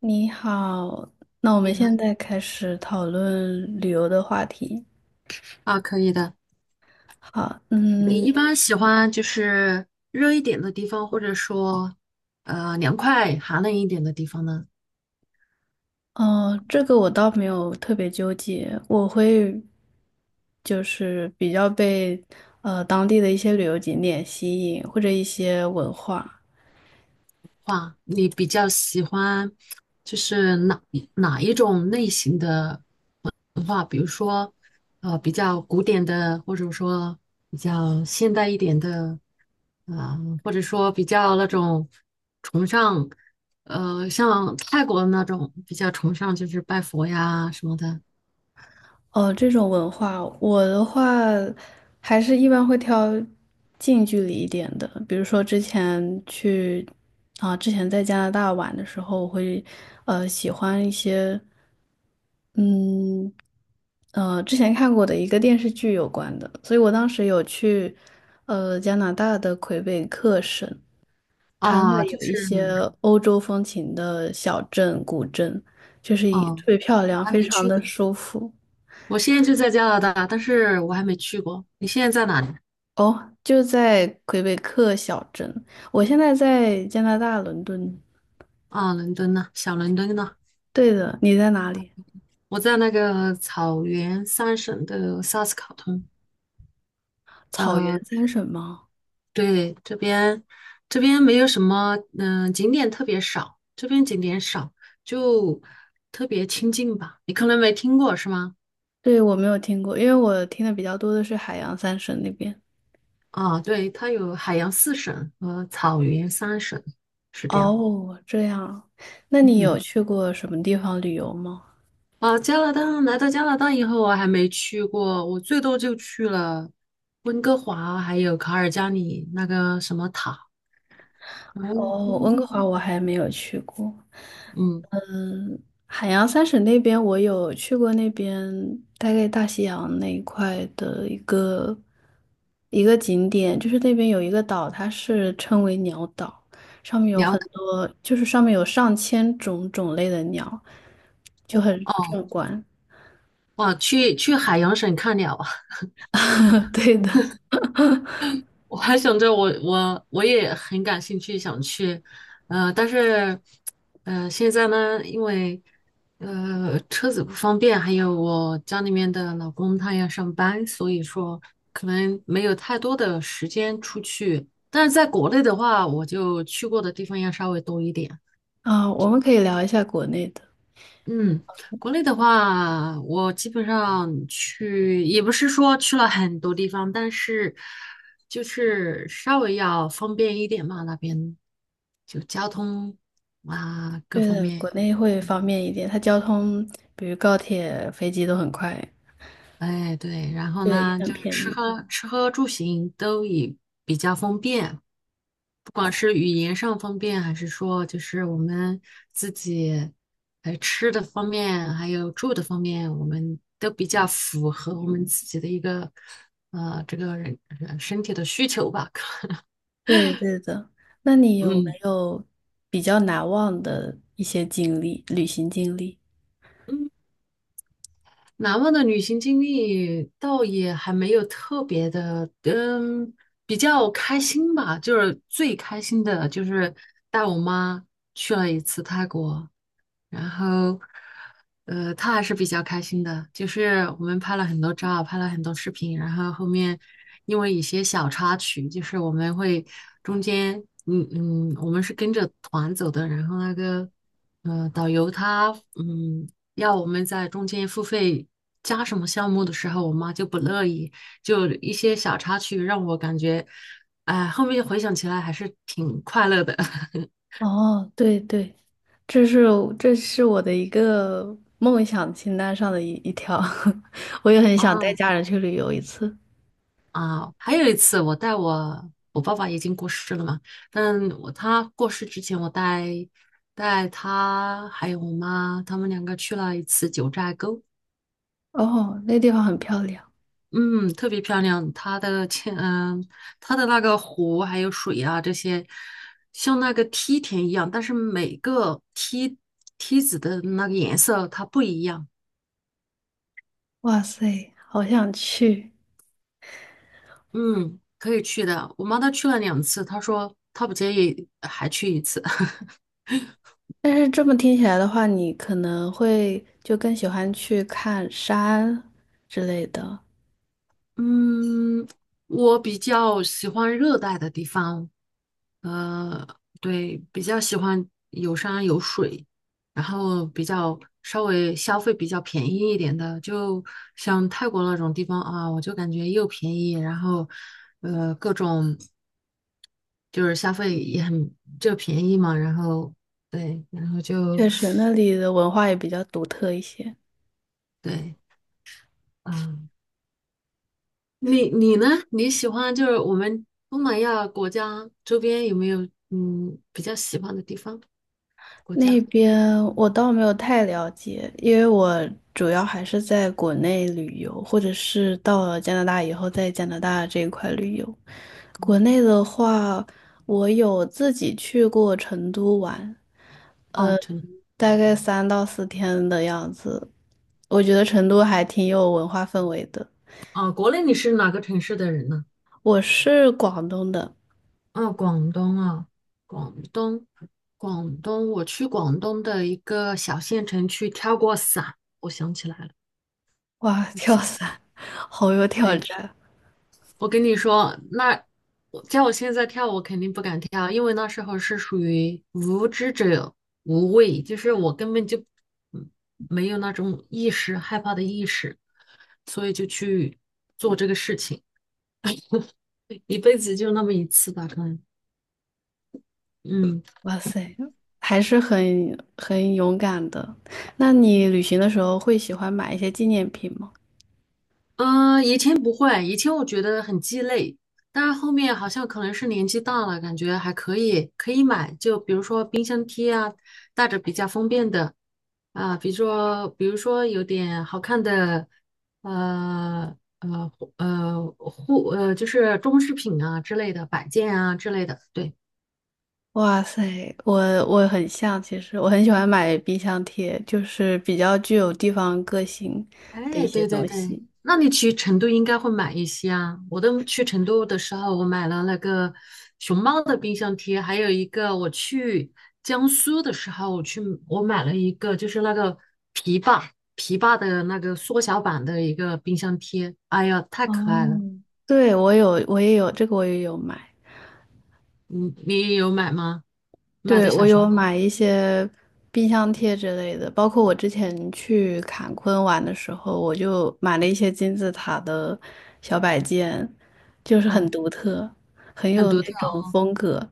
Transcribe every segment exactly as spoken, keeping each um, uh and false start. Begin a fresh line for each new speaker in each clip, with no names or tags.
你好，那我们
你好，
现在开始讨论旅游的话题。
啊，可以的。
好，
你
嗯，
一般喜欢就是热一点的地方，或者说呃凉快、寒冷一点的地方的
哦，这个我倒没有特别纠结，我会就是比较被呃当地的一些旅游景点吸引，或者一些文化。
话，你比较喜欢就是哪哪一种类型的文化？比如说呃比较古典的，或者说比较现代一点的，啊、或者说比较那种崇尚呃像泰国的那种比较崇尚就是拜佛呀什么的。
哦，这种文化，我的话还是一般会挑近距离一点的，比如说之前去啊，之前在加拿大玩的时候，我会呃喜欢一些。嗯，呃，之前看过的一个电视剧有关的，所以我当时有去，呃，加拿大的魁北克省，它那
啊，
里
就
有
是
一些欧洲风情的小镇、古镇，就是一
哦，
特别漂
我
亮，
还
非
没
常
去
的
过。
舒服。
我现在就在加拿大，但是我还没去过。你现在在哪里？
哦，就在魁北克小镇，我现在在加拿大伦敦。
啊，伦敦呢？小伦敦呢？
对的，你在哪里？
我在那个草原三省的萨斯卡通。
草
呃，
原三省吗？
对，这边这边没有什么，嗯、景点特别少，这边景点少，就特别清静吧。你可能没听过是吗？
对，我没有听过，因为我听的比较多的是海洋三省那边。
啊，对，它有海洋四省和草原三省，是这样。
哦，这样，那你有
嗯。
去过什么地方旅游吗？
啊，加拿大来到加拿大以后，我还没去过，我最多就去了温哥华，还有卡尔加里那个什么塔，嗯
哦，温哥
嗯，
华我还没有去过。
嗯，
嗯，海洋三省那边我有去过，那边大概大西洋那一块的一个一个景点，就是那边有一个岛，它是称为鸟岛，上面有
辽
很
塔
多，就是上面有上千种种类的鸟，就很
哦，
壮观。
哇，去去海洋省看鸟啊，
对的，
我还想着我我我也很感兴趣，想去，呃，但是，呃，现在呢，因为呃车子不方便，还有我家里面的老公他要上班，所以说可能没有太多的时间出去。但是在国内的话，我就去过的地方要稍微多一点。
啊，我们可以聊一下国内的。
嗯，国内的话，我基本上去，也不是说去了很多地方，但是就是稍微要方便一点嘛，那边就交通啊各
对
方
的，
面。
国内会方便一点，它交通，比如高铁、飞机都很快，
哎，对，然后
对，也
呢，
很
就是
便
吃
宜。
喝吃喝住行都以比较方便，不管是语言上方便，还是说就是我们自己，呃，吃的方面，还有住的方面，我们都比较符合我们自己的一个，呃，这个人人身体的需求吧。
对对的，那你有没
嗯
有比较难忘的一些经历，旅行经历？
嗯难忘的旅行经历倒也还没有特别的，嗯，比较开心吧。就是最开心的就是带我妈去了一次泰国，然后，呃，他还是比较开心的，就是我们拍了很多照，拍了很多视频，然后后面因为一些小插曲，就是我们会中间，嗯嗯，我们是跟着团走的，然后那个，呃，导游他，嗯，要我们在中间付费加什么项目的时候，我妈就不乐意，就一些小插曲让我感觉，哎、后面回想起来还是挺快乐的。
哦，对对，这是这是我的一个梦想清单上的一一条，我也很想带
啊，
家人去旅游一次。
啊，还有一次，我带我我爸爸已经过世了嘛，但我他过世之前，我带带他还有我妈，他们两个去了一次九寨沟，
哦，那地方很漂亮，
嗯，特别漂亮。它的天，嗯，它的那个湖还有水啊，这些像那个梯田一样，但是每个梯梯子的那个颜色它不一样。
哇塞，好想去。
嗯，可以去的。我妈她去了两次，她说她不介意还去一次。
但是这么听起来的话，你可能会就更喜欢去看山之类的。
嗯，我比较喜欢热带的地方，呃，对，比较喜欢有山有水，然后比较稍微消费比较便宜一点的，就像泰国那种地方啊，我就感觉又便宜，然后呃，各种就是消费也很就便宜嘛，然后对，然后就
确实，那里的文化也比较独特一些。
对，啊、你你呢？你喜欢就是我们东南亚国家周边有没有嗯比较喜欢的地方、国
那
家
边我倒没有太了解，因为我主要还是在国内旅游，或者是到了加拿大以后，在加拿大这一块旅游。国内的话，我有自己去过成都玩，
啊、
呃，
城
大概三到四天的样子。我觉得成都还挺有文化氛围的。
啊？国内你是哪个城市的人呢？
我是广东的，
啊，广东啊，广东，广东，我去广东的一个小县城去跳过伞，我想起来了，
哇，
一个
跳
小县，
伞好有挑
对，
战，
我跟你说，那我叫我现在跳，我肯定不敢跳，因为那时候是属于无知者无畏，就是我根本就嗯没有那种意识，害怕的意识，所以就去做这个事情，一辈子就那么一次吧，可能，嗯。
哇塞，还是很很勇敢的。那你旅行的时候会喜欢买一些纪念品吗？
嗯，呃以前不会，以前我觉得很鸡肋，但是后面好像可能是年纪大了，感觉还可以，可以买。就比如说冰箱贴啊，带着比较方便的啊，比如说比如说有点好看的，呃呃呃护呃就是装饰品啊之类的摆件啊之类的，对。
哇塞，我我很像，其实我很喜欢买冰箱贴，就是比较具有地方个性的一
哎，
些
对对
东
对，
西。
那你去成都应该会买一些啊。我都去成都的时候，我买了那个熊猫的冰箱贴，还有一个我去江苏的时候，我去我买了一个，就是那个琵琶琵琶的那个缩小版的一个冰箱贴。哎呀，太
哦，
可爱了！
对，我有，我也有，这个我也有买。
你你有买吗？买的
对，
小
我
熊
有
猫
买一些冰箱贴之类的，包括我之前去坎昆玩的时候，我就买了一些金字塔的小摆件，就是很
啊，
独特，很
很
有
独
那
特
种
啊。
风格。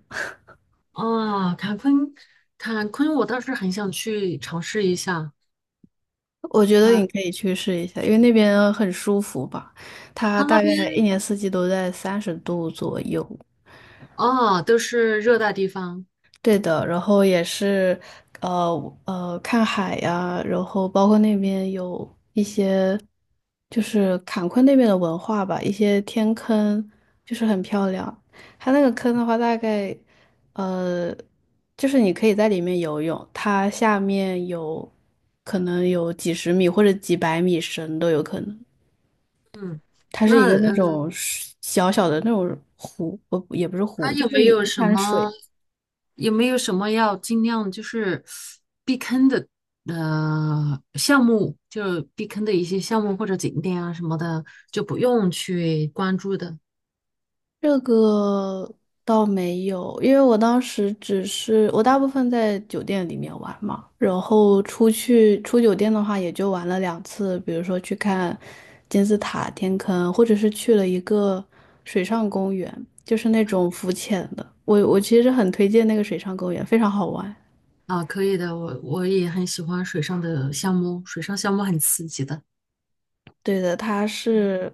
哦，啊坎昆，坎昆，我倒是很想去尝试一下。
我觉得
呃，
你可以去试一下，因为那边很舒服吧，它
他那
大
边。
概一年四季都在三十度左右。
哦，都是热带地方。
对的，然后也是，呃呃，看海呀，然后包括那边有一些，就是坎昆那边的文化吧，一些天坑，就是很漂亮。它那个坑的话，大概，呃，就是你可以在里面游泳，它下面有可能有几十米或者几百米深都有可能。
嗯，
它是一
那
个那
呃，
种水小小的那种湖，不，也不是
还
湖，就
有
是
没有
一
什
滩
么
水。
有没有什么要尽量就是避坑的呃项目，就是避坑的一些项目或者景点啊什么的，就不用去关注的。
这个倒没有，因为我当时只是我大部分在酒店里面玩嘛，然后出去出酒店的话，也就玩了两次，比如说去看金字塔、天坑，或者是去了一个水上公园，就是那种浮潜的。我我其实很推荐那个水上公园，非常好玩。
啊，可以的。我我也很喜欢水上的项目，水上项目很刺激的。
对的，它是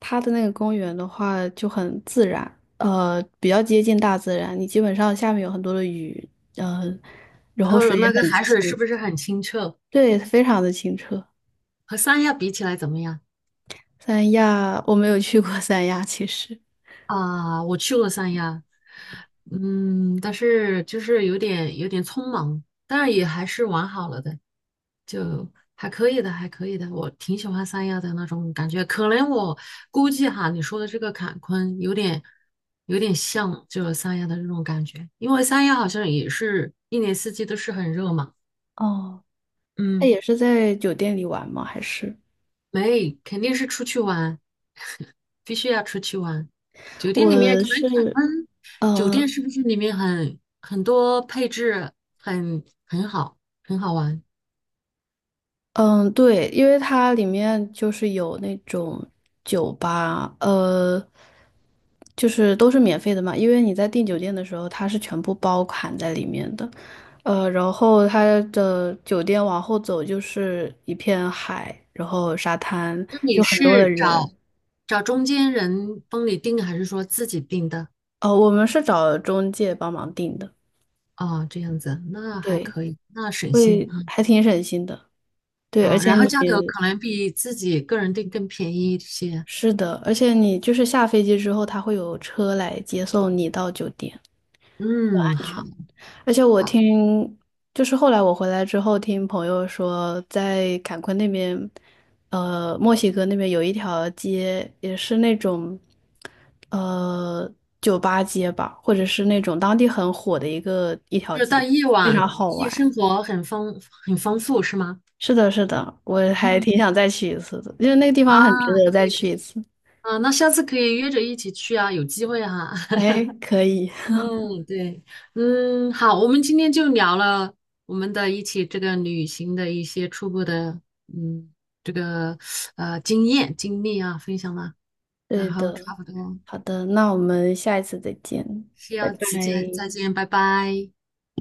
它的那个公园的话就很自然，呃，比较接近大自然。你基本上下面有很多的雨，嗯、然
然
后
后
水也
那个
很
海水是
清，
不是很清澈？
对，非常的清澈。
和三亚比起来怎么样？
三亚我没有去过三亚，其实。
啊，我去过三亚，嗯，但是就是有点有点匆忙，但是也还是玩好了的，还可以的，还可以的，我挺喜欢三亚的那种感觉。可能我估计哈，你说的这个坎昆有点有点像就是三亚的这种感觉，因为三亚好像也是一年四季都是很热嘛。
哦，那
嗯，
也是在酒店里玩吗？还是
没，肯定是出去玩。必须要出去玩。酒店里面
我
可能
是
感恩，酒店
嗯
是不是里面很很多配置很很好，很好玩？
嗯，对，因为它里面就是有那种酒吧，呃。就是都是免费的嘛，因为你在订酒店的时候，它是全部包含在里面的。呃，然后它的酒店往后走就是一片海，然后沙滩，
那你
就很多的
是
人。
找找中间人帮你订，还是说自己订的？
哦，我们是找中介帮忙订的，
啊？这样子，那还
对，
可以，那省心
会
啊。
还挺省心的。对，而
哦
且
然后
你
价格可能比自己个人订更便宜一些。
是的，而且你就是下飞机之后，他会有车来接送你到酒店。
嗯，好
而且我
好，
听，就是后来我回来之后，听朋友说，在坎昆那边，呃，墨西哥那边有一条街，也是那种，呃，酒吧街吧，或者是那种当地很火的一个一条
就是到
街，
夜
非
晚，
常好
夜
玩。
生活很丰很丰富，是吗？
是的，是的，我还
嗯
挺想再去一次的，因为那个地
啊，
方很值
可
得再
以。
去一次。
啊，那下次可以约着一起去啊，有机会哈、
哎，可以，
嗯，对，嗯，好，我们今天就聊了我们的一起这个旅行的一些初步的，嗯，这个呃经验经历啊，分享了，然
对
后
的，
差不多，
好的，那我们下一次再见，
是
拜。
要此见再见，拜拜。